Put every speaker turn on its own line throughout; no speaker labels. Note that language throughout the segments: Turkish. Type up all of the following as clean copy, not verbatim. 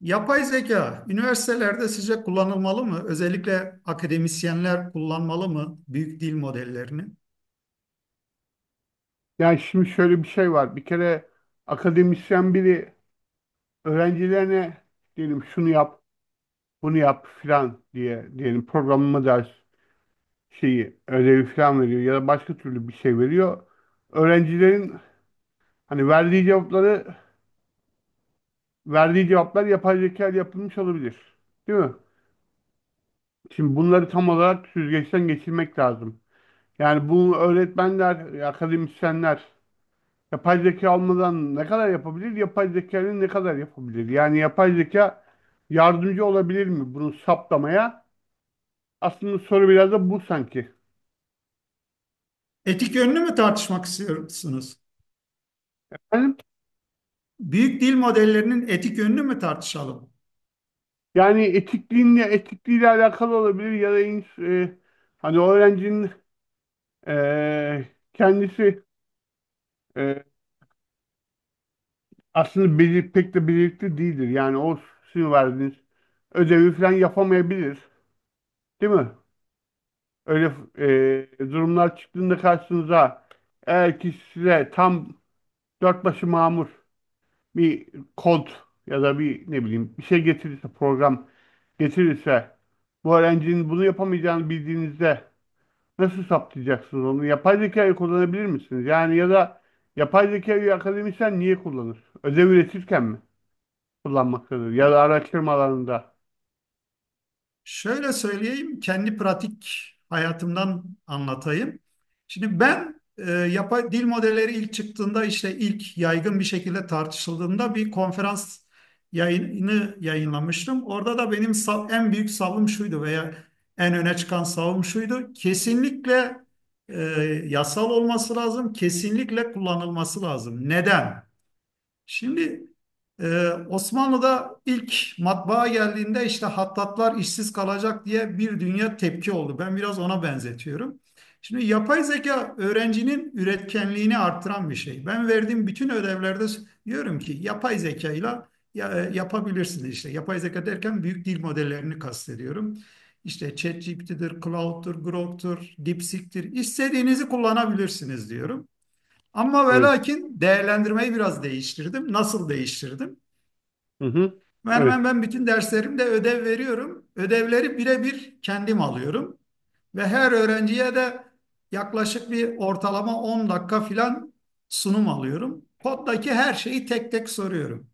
Yapay zeka üniversitelerde sizce kullanılmalı mı? Özellikle akademisyenler kullanmalı mı büyük dil modellerini?
Yani şimdi şöyle bir şey var. Bir kere akademisyen biri öğrencilerine diyelim şunu yap, bunu yap filan diye, diyelim programlama ders şeyi, ödevi filan veriyor ya da başka türlü bir şey veriyor. Öğrencilerin hani verdiği cevapları, verdiği cevaplar yapay zeka ile yapılmış olabilir. Değil mi? Şimdi bunları tam olarak süzgeçten geçirmek lazım. Yani bu öğretmenler, akademisyenler yapay zeka olmadan ne kadar yapabilir? Yapay zekanın ne kadar yapabilir? Yani yapay zeka yardımcı olabilir mi bunu saptamaya? Aslında soru biraz da bu sanki.
Etik yönünü mü tartışmak istiyorsunuz?
Efendim?
Büyük dil modellerinin etik yönünü mü tartışalım?
Yani etikliğiyle alakalı olabilir ya da hani öğrencinin e, kendisi, e, aslında pek de becerikli değildir. Yani o sizin verdiğiniz ödevi falan yapamayabilir. Değil mi? Öyle durumlar çıktığında karşınıza, eğer ki size tam dört başı mamur bir kod ya da bir ne bileyim bir şey getirirse, program getirirse, bu öğrencinin bunu yapamayacağını bildiğinizde nasıl saptayacaksınız onu? Yapay zekayı kullanabilir misiniz? Yani ya da yapay zekayı akademisyen niye kullanır? Ödev üretirken mi kullanmaktadır? Ya da araştırma alanında.
Şöyle söyleyeyim, kendi pratik hayatımdan anlatayım. Şimdi ben yapay dil modelleri ilk çıktığında işte ilk yaygın bir şekilde tartışıldığında bir konferans yayını yayınlamıştım. Orada da en büyük savım şuydu veya en öne çıkan savım şuydu. Kesinlikle e, yasal olması lazım, kesinlikle kullanılması lazım. Neden? Şimdi Osmanlı'da ilk matbaa geldiğinde işte hattatlar işsiz kalacak diye bir dünya tepki oldu. Ben biraz ona benzetiyorum. Şimdi yapay zeka öğrencinin üretkenliğini arttıran bir şey. Ben verdiğim bütün ödevlerde diyorum ki yapay zekayla ya, yapabilirsiniz işte. Yapay zeka derken büyük dil modellerini kastediyorum. İşte ChatGPT'dir, Claude'dur, Grok'tur, DeepSeek'tir. İstediğinizi kullanabilirsiniz diyorum. Ama ve
Evet.
lakin değerlendirmeyi biraz değiştirdim. Nasıl değiştirdim?
Hı hı.
Ben hemen
Evet.
ben bütün derslerimde ödev veriyorum. Ödevleri birebir kendim alıyorum. Ve her öğrenciye de yaklaşık bir ortalama 10 dakika filan sunum alıyorum. Koddaki her şeyi tek tek soruyorum.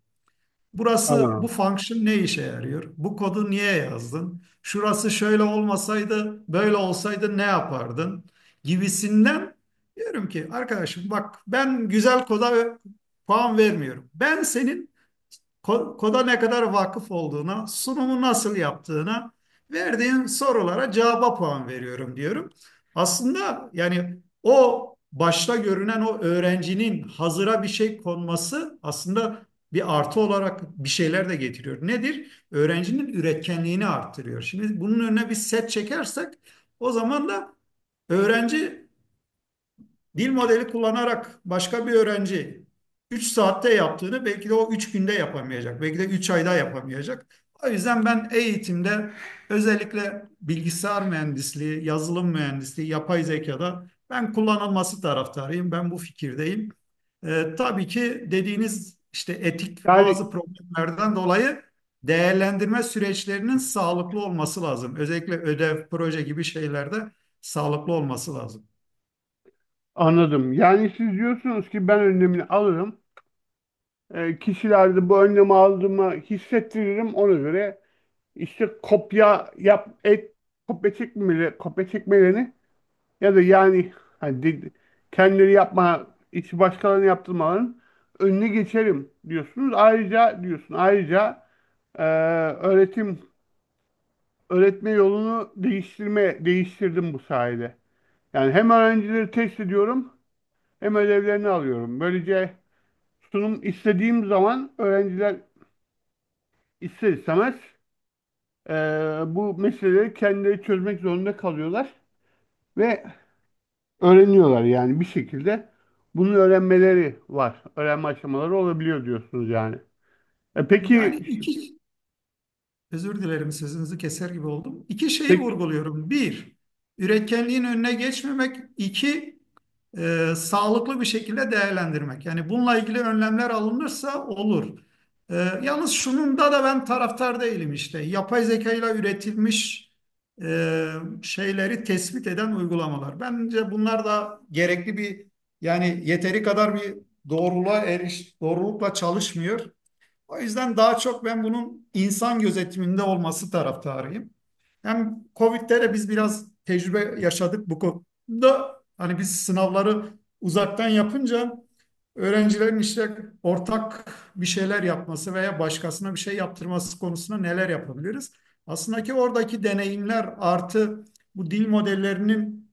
Burası
Aa.
bu function ne işe yarıyor? Bu kodu niye yazdın? Şurası şöyle olmasaydı, böyle olsaydı ne yapardın? Gibisinden diyorum ki arkadaşım, bak ben güzel koda puan vermiyorum. Ben senin koda ne kadar vakıf olduğuna, sunumu nasıl yaptığına, verdiğin sorulara cevaba puan veriyorum diyorum. Aslında yani o başta görünen o öğrencinin hazıra bir şey konması aslında bir artı olarak bir şeyler de getiriyor. Nedir? Öğrencinin üretkenliğini arttırıyor. Şimdi bunun önüne bir set çekersek o zaman da öğrenci dil modeli kullanarak başka bir öğrenci 3 saatte yaptığını belki de o 3 günde yapamayacak. Belki de 3 ayda yapamayacak. O yüzden ben eğitimde özellikle bilgisayar mühendisliği, yazılım mühendisliği, yapay zekada ben kullanılması taraftarıyım. Ben bu fikirdeyim. Tabii ki dediğiniz işte etik
Yani
bazı problemlerden dolayı değerlendirme süreçlerinin sağlıklı olması lazım. Özellikle ödev, proje gibi şeylerde sağlıklı olması lazım.
anladım. Yani siz diyorsunuz ki ben önlemini alırım. E, kişilerde bu önlemi aldığımı hissettiririm. Ona göre İşte kopya yap et, kopya çekmeleri, kopya çekmelerini ya da yani hani, kendileri yapma işi başkalarına yaptırmaların önüne geçerim diyorsunuz. Ayrıca diyorsun, ayrıca eee, öğretim, öğretme yolunu değiştirdim bu sayede. Yani hem öğrencileri test ediyorum, hem ödevlerini alıyorum. Böylece sunum istediğim zaman öğrenciler ister istemez eee, bu meseleleri kendileri çözmek zorunda kalıyorlar ve öğreniyorlar yani bir şekilde, bunun öğrenmeleri var. Öğrenme aşamaları olabiliyor diyorsunuz yani. E
Yani
peki,
iki Özür dilerim, sözünüzü keser gibi oldum. İki şeyi
pek
vurguluyorum. Bir, üretkenliğin önüne geçmemek. İki, sağlıklı bir şekilde değerlendirmek. Yani bununla ilgili önlemler alınırsa olur. E, yalnız şununda da ben taraftar değilim işte. Yapay zeka ile üretilmiş e, şeyleri tespit eden uygulamalar. Bence bunlar da gerekli bir yani yeteri kadar bir doğrulukla çalışmıyor. O yüzden daha çok ben bunun insan gözetiminde olması taraftarıyım. Hem Covid'de de biz biraz tecrübe yaşadık bu konuda. Hani biz sınavları uzaktan yapınca öğrencilerin işte ortak bir şeyler yapması veya başkasına bir şey yaptırması konusunda neler yapabiliriz? Aslında ki oradaki deneyimler artı bu dil modellerinin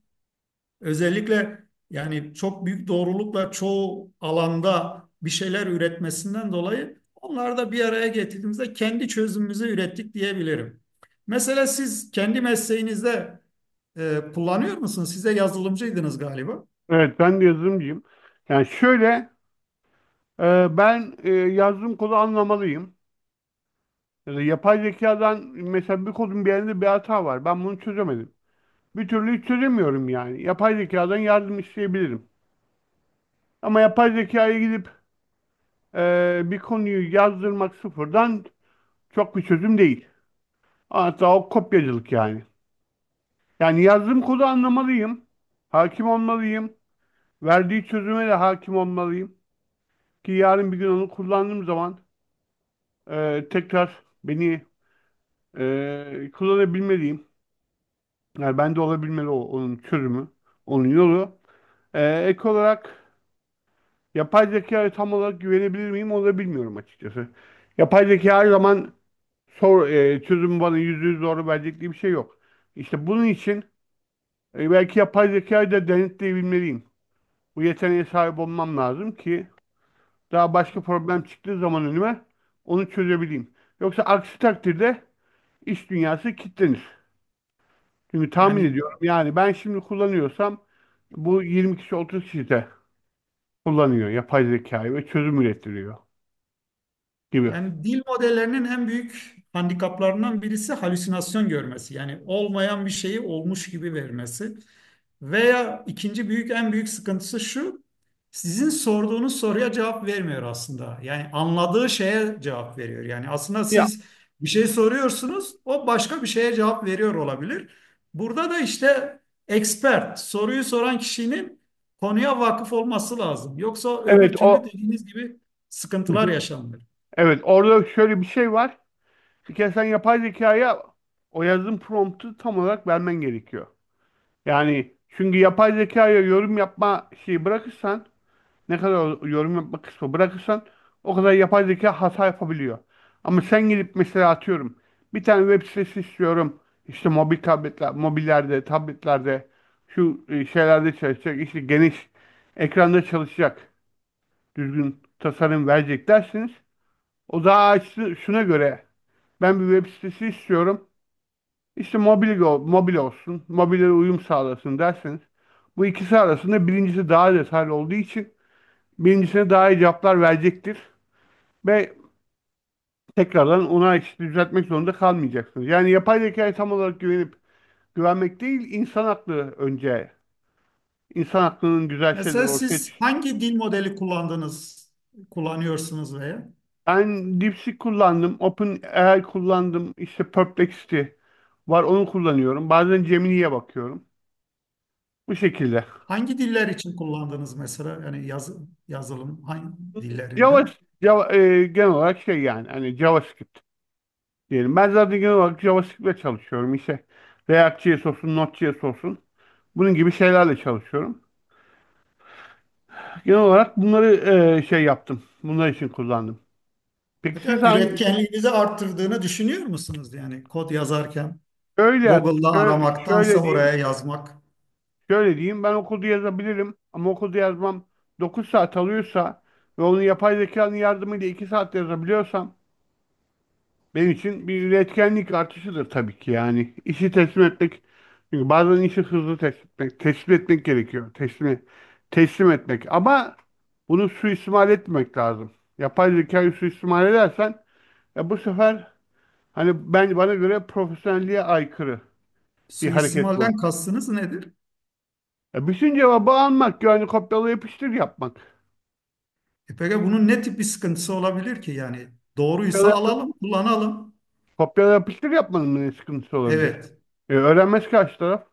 özellikle yani çok büyük doğrulukla çoğu alanda bir şeyler üretmesinden dolayı onları da bir araya getirdiğimizde kendi çözümümüzü ürettik diyebilirim. Mesela siz kendi mesleğinizde kullanıyor musunuz? Siz de yazılımcıydınız galiba.
evet, ben de yazılımcıyım. Yani şöyle, ben, yazdığım kodu anlamalıyım. Ya da yapay zekadan mesela, bir kodun bir yerinde bir hata var. Ben bunu çözemedim. Bir türlü hiç çözemiyorum yani. Yapay zekadan yardım isteyebilirim. Ama yapay zekaya gidip bir konuyu yazdırmak sıfırdan çok bir çözüm değil. Hatta o kopyacılık yani. Yani yazdığım kodu anlamalıyım. Hakim olmalıyım. Verdiği çözüme de hakim olmalıyım. Ki yarın bir gün onu kullandığım zaman tekrar beni kullanabilmeliyim. Yani ben de olabilmeli onun çözümü, onun yolu. E, ek olarak yapay zekaya tam olarak güvenebilir miyim onu da bilmiyorum açıkçası. Yapay zeka her zaman çözümü bana yüzde yüz doğru verecek diye bir şey yok. İşte bunun için belki yapay zekayı da denetleyebilmeliyim. Bu yeteneğe sahip olmam lazım ki daha başka problem çıktığı zaman önüme onu çözebileyim. Yoksa aksi takdirde iş dünyası kilitlenir. Çünkü tahmin
Yani
ediyorum yani, ben şimdi kullanıyorsam bu 20 kişi 30 kişi de kullanıyor yapay zekayı ve çözüm ürettiriyor gibi.
Yani dil modellerinin en büyük handikaplarından birisi halüsinasyon görmesi. Yani olmayan bir şeyi olmuş gibi vermesi. Veya ikinci büyük en büyük sıkıntısı şu. Sizin sorduğunuz soruya cevap vermiyor aslında. Yani anladığı şeye cevap veriyor. Yani aslında
Ya,
siz bir şey soruyorsunuz, o başka bir şeye cevap veriyor olabilir. Burada da işte expert, soruyu soran kişinin konuya vakıf olması lazım. Yoksa
evet,
öbür türlü
o.
dediğiniz gibi
Hı
sıkıntılar
hı.
yaşanır.
Evet, orada şöyle bir şey var. Bir kere sen yapay zekaya o yazdığın promptu tam olarak vermen gerekiyor. Yani çünkü yapay zekaya yorum yapma şeyi bırakırsan, ne kadar yorum yapma kısmı bırakırsan o kadar yapay zeka hata yapabiliyor. Ama sen gidip mesela, atıyorum, bir tane web sitesi istiyorum. İşte mobil tabletler, mobillerde, tabletlerde şu şeylerde çalışacak, işte geniş ekranda çalışacak. Düzgün tasarım verecek dersiniz. O daha açtı. Şuna göre ben bir web sitesi istiyorum, İşte mobil, mobil olsun, mobile uyum sağlasın derseniz, bu ikisi arasında birincisi daha detaylı olduğu için birincisine daha iyi cevaplar verecektir. Ve tekrardan ona işte düzeltmek zorunda kalmayacaksınız. Yani yapay zekaya tam olarak güvenmek değil, insan aklı önce. İnsan aklının güzel şeyleri
Mesela
ortaya çık.
siz hangi dil modeli kullandınız, kullanıyorsunuz veya
Ben DeepSeek kullandım, OpenAI kullandım, işte Perplexity var onu kullanıyorum. Bazen Gemini'ye bakıyorum. Bu şekilde.
hangi diller için kullandınız mesela yazılım hangi dillerinde?
Java, Java, genel olarak şey, yani hani JavaScript diyelim. Ben zaten genel olarak JavaScript'le çalışıyorum. İşte React.js olsun, Node.js olsun. Bunun gibi şeylerle çalışıyorum. Genel olarak bunları şey yaptım. Bunlar için kullandım. Peki
Peki
siz hangi
üretkenliğinizi arttırdığını düşünüyor musunuz yani kod yazarken
şöyle yaz-
Google'da aramaktansa
şöyle
oraya
diyeyim,
yazmak.
şöyle diyeyim, ben okulda yazabilirim ama okulda yazmam 9 saat alıyorsa ve onu yapay zekanın yardımıyla 2 saat yazabiliyorsam benim için bir üretkenlik artışıdır tabii ki yani. İşi teslim etmek, çünkü bazen işi hızlı teslim etmek, teslim etmek gerekiyor. Teslim etmek, ama bunu suistimal etmemek lazım. Yapay zekayı suistimal edersen ya, bu sefer, hani ben, bana göre profesyonelliğe aykırı bir hareket
Suistimalden
bu.
kastınız nedir?
Ya, bütün cevabı almak, yani kopyala yapıştır yapmak.
E peki bunun ne tip bir sıkıntısı olabilir ki yani doğruysa
Kopyala, yap-
alalım, kullanalım.
Kopyala yapıştır yapmanın ne sıkıntısı olabilir?
Evet.
E, öğrenmez karşı taraf.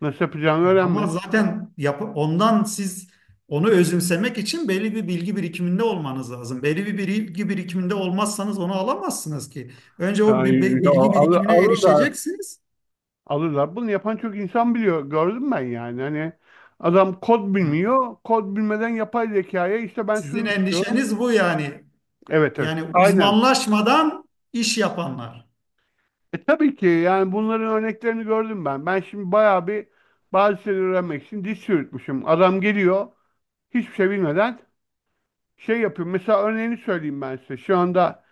Nasıl yapacağını
Ama
öğrenmez.
zaten yap ondan siz onu özümsemek için belli bir bilgi birikiminde olmanız lazım. Belli bir bilgi birikiminde olmazsanız onu alamazsınız ki. Önce
Yani, ya,
bilgi birikimine
alırlar.
erişeceksiniz.
Alırlar. Bunu yapan çok insan biliyor. Gördüm ben yani. Hani adam kod
Ha.
bilmiyor. Kod bilmeden yapay zekaya işte, ben
Sizin
şunu istiyorum.
endişeniz bu yani.
Evet, evet.
Yani
Aynen.
uzmanlaşmadan iş yapanlar.
E, tabii ki, yani bunların örneklerini gördüm ben. Ben şimdi bayağı bir, bazı şeyleri öğrenmek için diş çürütmüşüm. Adam geliyor, hiçbir şey bilmeden şey yapıyor. Mesela örneğini söyleyeyim ben size. Şu anda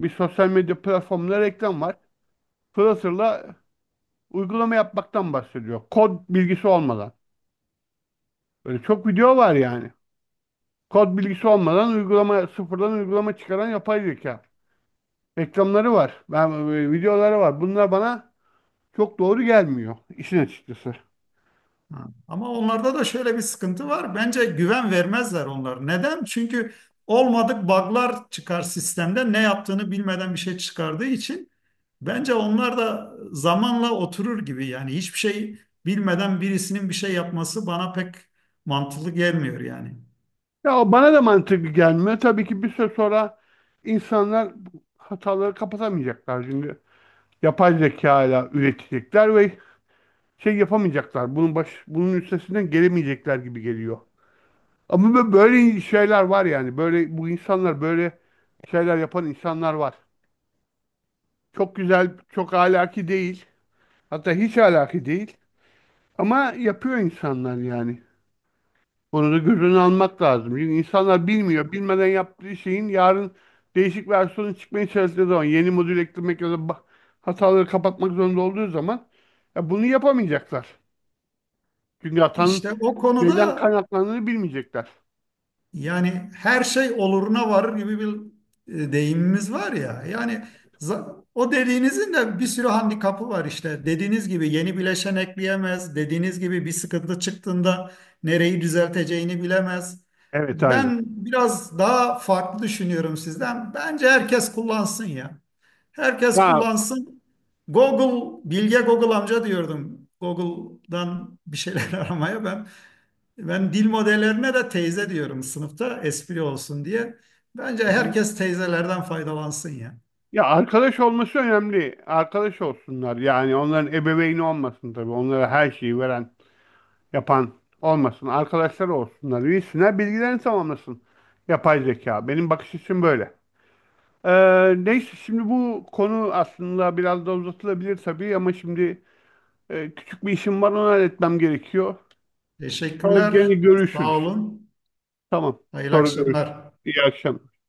bir sosyal medya platformunda reklam var. Flutter'la uygulama yapmaktan bahsediyor, kod bilgisi olmadan. Böyle çok video var yani. Kod bilgisi olmadan uygulama, sıfırdan uygulama çıkaran yapay zeka. Reklamları var. Videoları var. Bunlar bana çok doğru gelmiyor işin açıkçası.
Ha. Ama onlarda da şöyle bir sıkıntı var. Bence güven vermezler onlar. Neden? Çünkü olmadık bug'lar çıkar sistemde. Ne yaptığını bilmeden bir şey çıkardığı için bence onlar da zamanla oturur gibi. Yani hiçbir şey bilmeden birisinin bir şey yapması bana pek mantıklı gelmiyor yani.
Ya, bana da mantıklı gelmiyor. Tabii ki bir süre sonra insanlar hataları kapatamayacaklar. Çünkü yapay zeka ile üretecekler ve şey yapamayacaklar. Bunun üstesinden gelemeyecekler gibi geliyor. Ama böyle şeyler var yani. Böyle şeyler yapan insanlar var. Çok güzel, çok ahlaki değil. Hatta hiç ahlaki değil. Ama yapıyor insanlar yani. Bunu da göz önüne almak lazım. Çünkü insanlar bilmiyor. Bilmeden yaptığı şeyin yarın değişik versiyonu çıkmaya çalıştığı zaman, yeni modül eklemek ya da hataları kapatmak zorunda olduğu zaman, ya bunu yapamayacaklar. Çünkü hatanın
İşte o konuda
neden kaynaklandığını bilmeyecekler.
yani her şey oluruna varır gibi bir deyimimiz var ya. Yani o dediğinizin de bir sürü handikapı var işte. Dediğiniz gibi yeni bileşen ekleyemez. Dediğiniz gibi bir sıkıntı çıktığında nereyi düzelteceğini bilemez.
Evet, aynı.
Ben biraz daha farklı düşünüyorum sizden. Bence herkes kullansın ya. Herkes
Ya.
kullansın. Google, Bilge Google amca diyordum. Google'dan bir şeyler aramaya ben dil modellerine de teyze diyorum sınıfta espri olsun diye. Bence
Hı hı.
herkes teyzelerden faydalansın ya.
Ya, arkadaş olması önemli. Arkadaş olsunlar. Yani onların ebeveyni olmasın tabii. Onlara her şeyi veren, yapan olmasın. Arkadaşlar olsunlar. Üyesinler, bilgilerini tamamlasın yapay zeka. Benim bakış açım böyle. Ee, Neyse, şimdi bu konu aslında biraz da uzatılabilir tabii, ama şimdi küçük bir işim var, onu halletmem gerekiyor. Sonra gene
Teşekkürler. Sağ
görüşürüz.
olun.
Tamam.
Hayırlı
Sonra görüşürüz.
akşamlar.
İyi akşamlar.